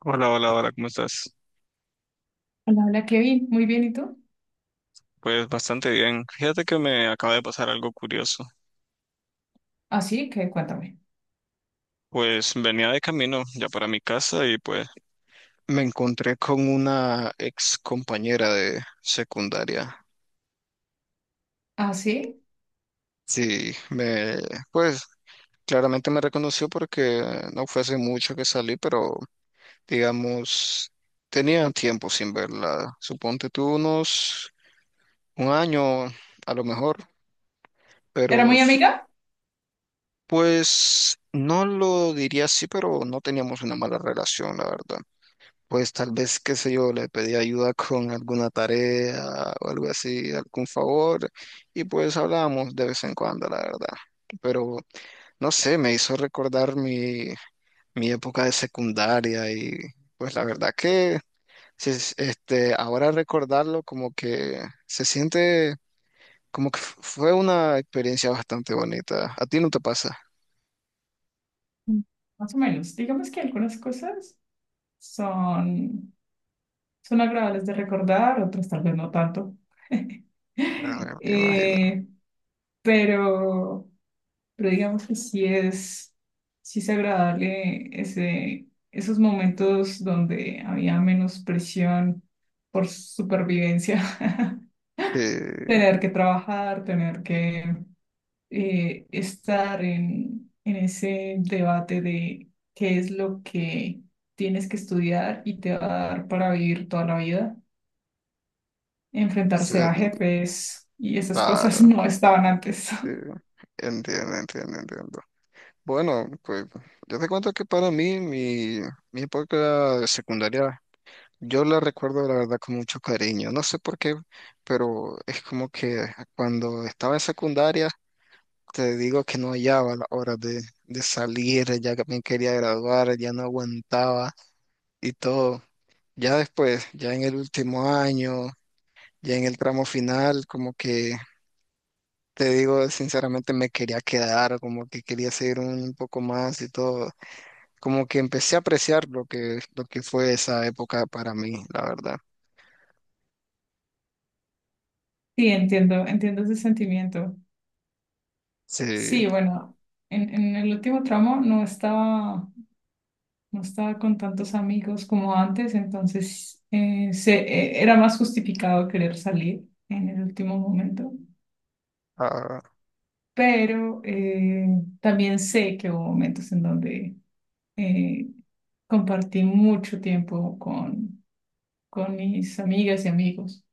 Hola, hola, hola, ¿cómo estás? Hola, hola Kevin, muy bien, ¿y tú? Pues bastante bien. Fíjate que me acaba de pasar algo curioso. Ah, sí, que cuéntame. Pues venía de camino ya para mi casa y pues me encontré con una ex compañera de secundaria. Ah, sí, Sí, me, pues claramente me reconoció porque no fue hace mucho que salí, pero digamos, tenía tiempo sin verla. Suponte tú unos un año a lo mejor, ¿era pero muy amiga? pues no lo diría así, pero no teníamos una mala relación, la verdad. Pues tal vez, qué sé yo, le pedí ayuda con alguna tarea o algo así, algún favor, y pues hablábamos de vez en cuando, la verdad. Pero no sé, me hizo recordar mi época de secundaria y pues la verdad que sí, este, ahora recordarlo como que se siente como que fue una experiencia bastante bonita. ¿A ti no te pasa? Mm, más o menos. Digamos que algunas cosas son, son agradables de recordar, otras tal vez no tanto. Ah, me imagino. Eh, pero, pero digamos que sí es agradable esos momentos donde había menos presión por supervivencia. Sí, Tener que trabajar, tener que estar en ese debate de qué es lo que tienes que estudiar y te va a dar para vivir toda la vida. sí, Enfrentarse a jefes y esas cosas claro. no estaban antes. Sí, entiendo, entiendo, entiendo. Bueno, pues yo te cuento que para mi época de secundaria, yo la recuerdo la verdad con mucho cariño. No sé por qué, pero es como que cuando estaba en secundaria, te digo que no hallaba la hora de salir, ya que me quería graduar, ya no aguantaba y todo. Ya después, ya en el último año, ya en el tramo final, como que te digo, sinceramente me quería quedar, como que quería seguir un poco más y todo. Como que empecé a apreciar lo que fue esa época para mí, la verdad. Sí, entiendo, entiendo ese sentimiento. Sí, Sí, bueno, en el último tramo no estaba con tantos amigos como antes, entonces era más justificado querer salir en el último momento. ah, Pero también sé que hubo momentos en donde eh, compartí mucho tiempo con mis amigas y amigos.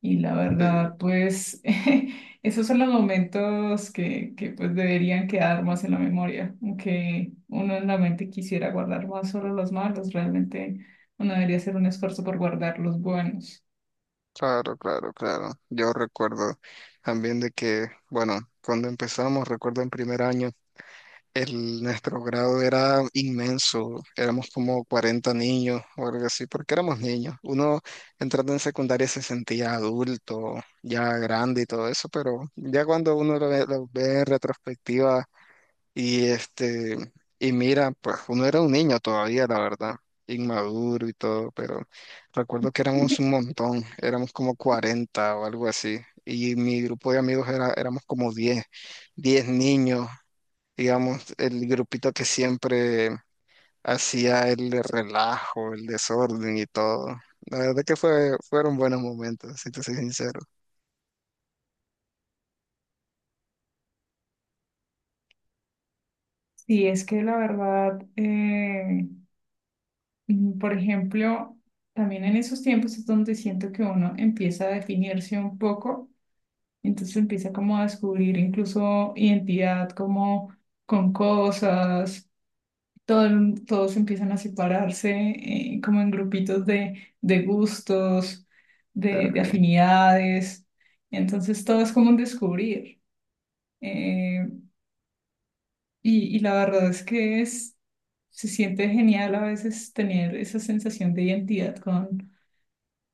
Y la sí, verdad, pues esos son los momentos que pues deberían quedar más en la memoria, aunque uno en la mente quisiera guardar más solo los malos, realmente uno debería hacer un esfuerzo por guardar los buenos. claro, claro, claro. Yo recuerdo también de que, bueno, cuando empezamos, recuerdo en primer año. Nuestro grado era inmenso, éramos como 40 niños o algo así, porque éramos niños. Uno entrando en secundaria se sentía adulto, ya grande y todo eso, pero ya cuando uno lo ve en retrospectiva y y mira, pues uno era un niño todavía, la verdad, inmaduro y todo, pero recuerdo que éramos un montón, éramos como 40 o algo así, y mi grupo de amigos era, éramos como 10 niños, digamos, el grupito que siempre hacía el relajo, el desorden y todo. La verdad que fueron buenos momentos, si te soy sincero. Sí, es que la verdad, mm, por ejemplo, también en esos tiempos es donde siento que uno empieza a definirse un poco, entonces empieza como a descubrir incluso identidad como con cosas, todos empiezan a separarse, como en grupitos de gustos, Sí, de afinidades, entonces todo es como un descubrir. eh, y la verdad es que es, se siente genial a veces tener esa sensación de identidad con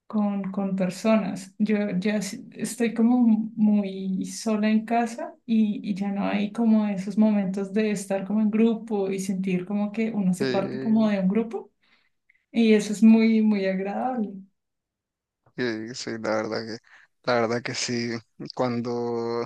con personas. Estoy como muy sola en casa y ya no hay como esos momentos de estar como en grupo y sentir como que uno se parte como sí, de un grupo y eso es muy, muy agradable. sí, sí, la verdad la verdad que sí. Cuando,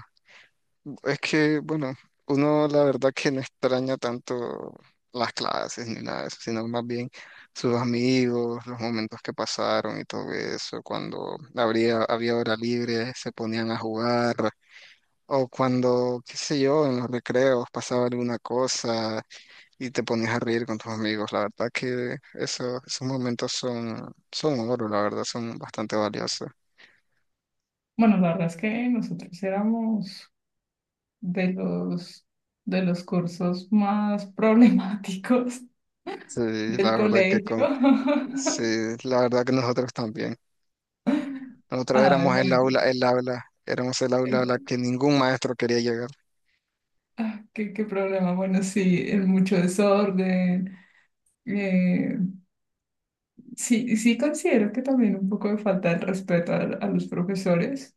es que, bueno, uno la verdad que no extraña tanto las clases ni nada de eso, sino más bien sus amigos, los momentos que pasaron y todo eso. Cuando había hora libre, se ponían a jugar. O cuando, qué sé yo, en los recreos pasaba alguna cosa y te ponías a reír con tus amigos. La verdad que eso, esos momentos son, son oro, la verdad, son bastante valiosos. Bueno, la verdad es que nosotros éramos de los, de los cursos más problemáticos Sí, del la verdad colegio. Sí, la verdad que nosotros también. Nosotros Ay, éramos bueno. el aula, éramos el aula a la el- que ningún maestro quería llegar. ¿Qué, qué problema? Bueno, sí, el mucho desorden, eh, sí, sí considero que también un poco de falta de respeto a los profesores.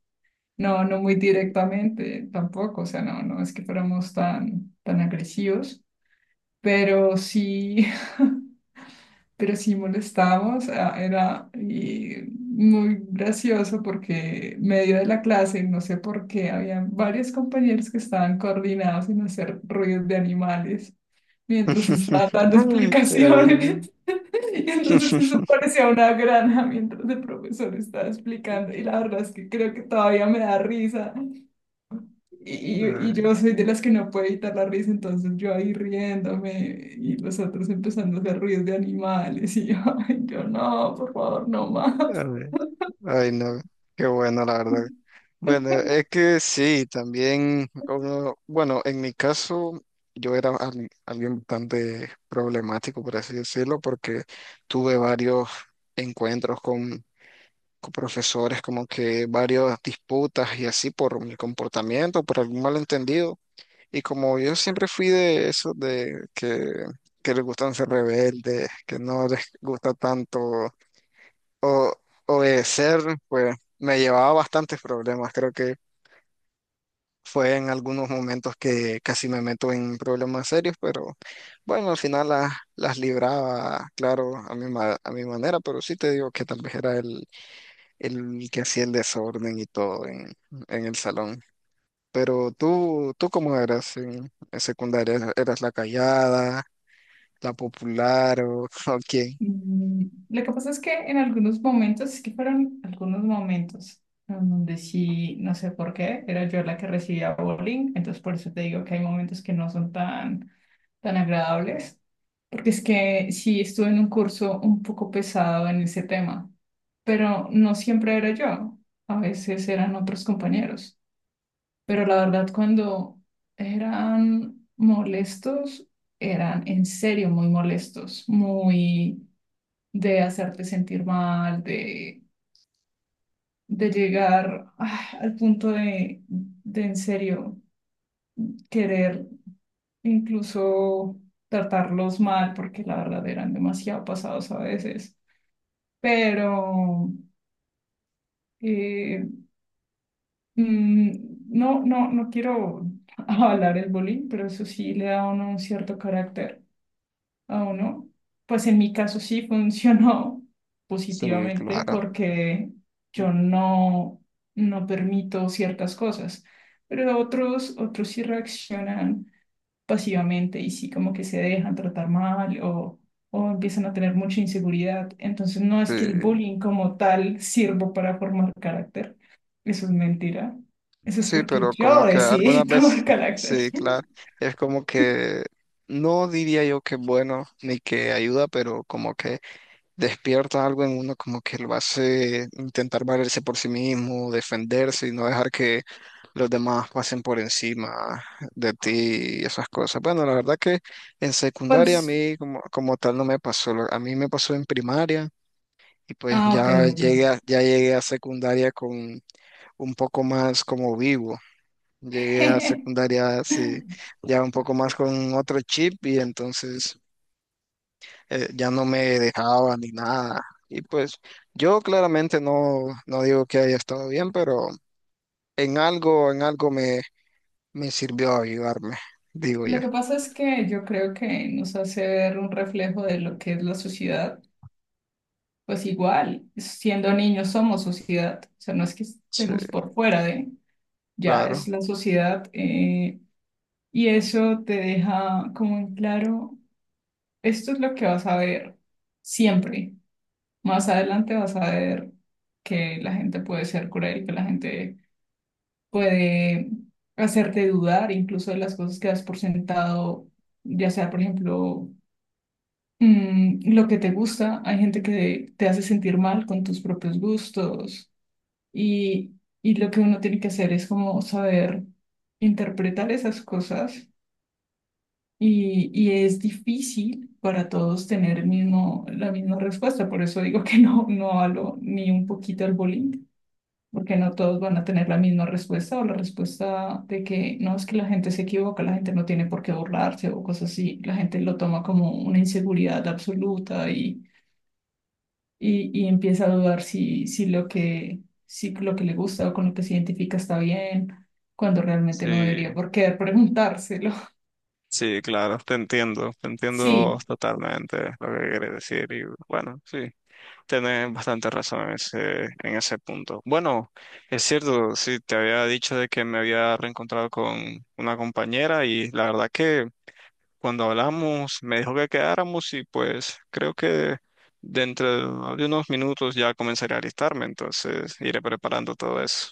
No, no muy directamente tampoco, o sea, no, no es que fuéramos tan agresivos, pero sí, pero sí molestábamos, ah, era y muy gracioso porque medio de la clase, no sé por qué, había varios compañeros que estaban coordinados en hacer ruidos de animales mientras estaba dando explicaciones. Eh, Y entonces eso parecía una granja mientras el profesor estaba explicando y la verdad es que creo que todavía me da risa y yo soy de las que no puede evitar la risa, entonces yo ahí riéndome y los otros empezando a hacer ruidos de animales y yo, ay, yo no, por favor, no ay, más. ay. Ay, no, qué bueno, la verdad. Bueno, es que sí, también uno, bueno, en mi caso yo era alguien bastante problemático, por así decirlo, porque tuve varios encuentros con profesores, como que varias disputas y así por mi comportamiento, por algún malentendido. Y como yo siempre fui de eso, que les gustan ser rebeldes, que no les gusta tanto o- obedecer, pues me llevaba a bastantes problemas. Creo que fue en algunos momentos que casi me meto en problemas serios, pero bueno, al final las libraba, claro, a a mi manera, pero sí te digo que tal vez era el que hacía el desorden y todo en el salón. Pero tú, ¿tú cómo eras en secundaria? ¿Eras la callada, la popular o, o quién? Mm, lo que pasa es que en algunos momentos, es que fueron algunos momentos en donde sí, no sé por qué, era yo la que recibía bullying, entonces por eso te digo que hay momentos que no son tan, tan agradables, porque es que sí estuve en un curso un poco pesado en ese tema, pero no siempre era yo, a veces eran otros compañeros, pero la verdad cuando eran molestos, eran en serio muy molestos, muy de hacerte sentir mal, de llegar ah, al punto de en serio querer incluso tratarlos mal, porque la verdad eran demasiado pasados a veces. Pero eh, mm, no, no, no quiero avalar el bullying, pero eso sí le da a uno un cierto carácter a uno. Pues en mi caso sí funcionó Sí, positivamente claro. porque yo no, no permito ciertas cosas, pero otros, otros sí reaccionan pasivamente y sí como que se dejan tratar mal o empiezan a tener mucha inseguridad. Entonces no Sí, es que el bullying como tal sirva para formar carácter. Eso es mentira. Eso es sí, porque pero como yo que decidí algunas veces, tomar carácter. sí, claro, es como que no diría yo que bueno ni que ayuda, pero como que despierta algo en uno, como que lo hace intentar valerse por sí mismo, defenderse y no dejar que los demás pasen por encima de ti y esas cosas. Bueno, la verdad que en secundaria a Pues, mí como, como tal no me pasó, a mí me pasó en primaria. Y pues ah, ok, ya ok. Ya llegué a secundaria con un poco más como vivo. Llegué a secundaria sí, ya un poco más con otro chip y entonces ya no me dejaba ni nada. Y pues yo claramente no digo que haya estado bien, pero en algo me sirvió ayudarme, digo Lo yo. que pasa es que yo creo que nos hace ver un reflejo de lo que es la sociedad. Pues igual, siendo niños somos sociedad, o sea, no es que Sí, estemos por fuera de... Ya es claro. la sociedad, y eso te deja como en claro, esto es lo que vas a ver siempre. Más adelante vas a ver que la gente puede ser cruel, que la gente puede hacerte dudar incluso de las cosas que has por sentado, ya sea, por ejemplo, mm, lo que te gusta. Hay gente que te hace sentir mal con tus propios gustos y, y lo que uno tiene que hacer es como saber interpretar esas cosas. Y es difícil para todos tener el mismo, la misma respuesta. Por eso digo que no, no hablo ni un poquito al bullying, porque no todos van a tener la misma respuesta o la respuesta de que no es que la gente se equivoca, la gente no tiene por qué burlarse o cosas así. La gente lo toma como una inseguridad absoluta y empieza a dudar si lo que le gusta o con lo que se identifica está bien, cuando realmente no Sí, debería por qué preguntárselo. sí, claro, te entiendo Sí, totalmente lo que quieres decir y bueno, sí. Tenés bastante razón en en ese punto. Bueno, es cierto, sí, te había dicho de que me había reencontrado con una compañera y la verdad que cuando hablamos me dijo que quedáramos y pues creo que dentro de unos minutos ya comenzaré a alistarme, entonces iré preparando todo eso.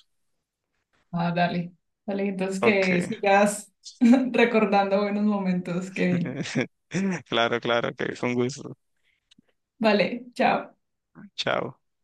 ah, dale, dale, entonces Ok. que sigas recordando buenos momentos, Kevin. Claro, claro, que fue un gusto. Vale, chao. Chao.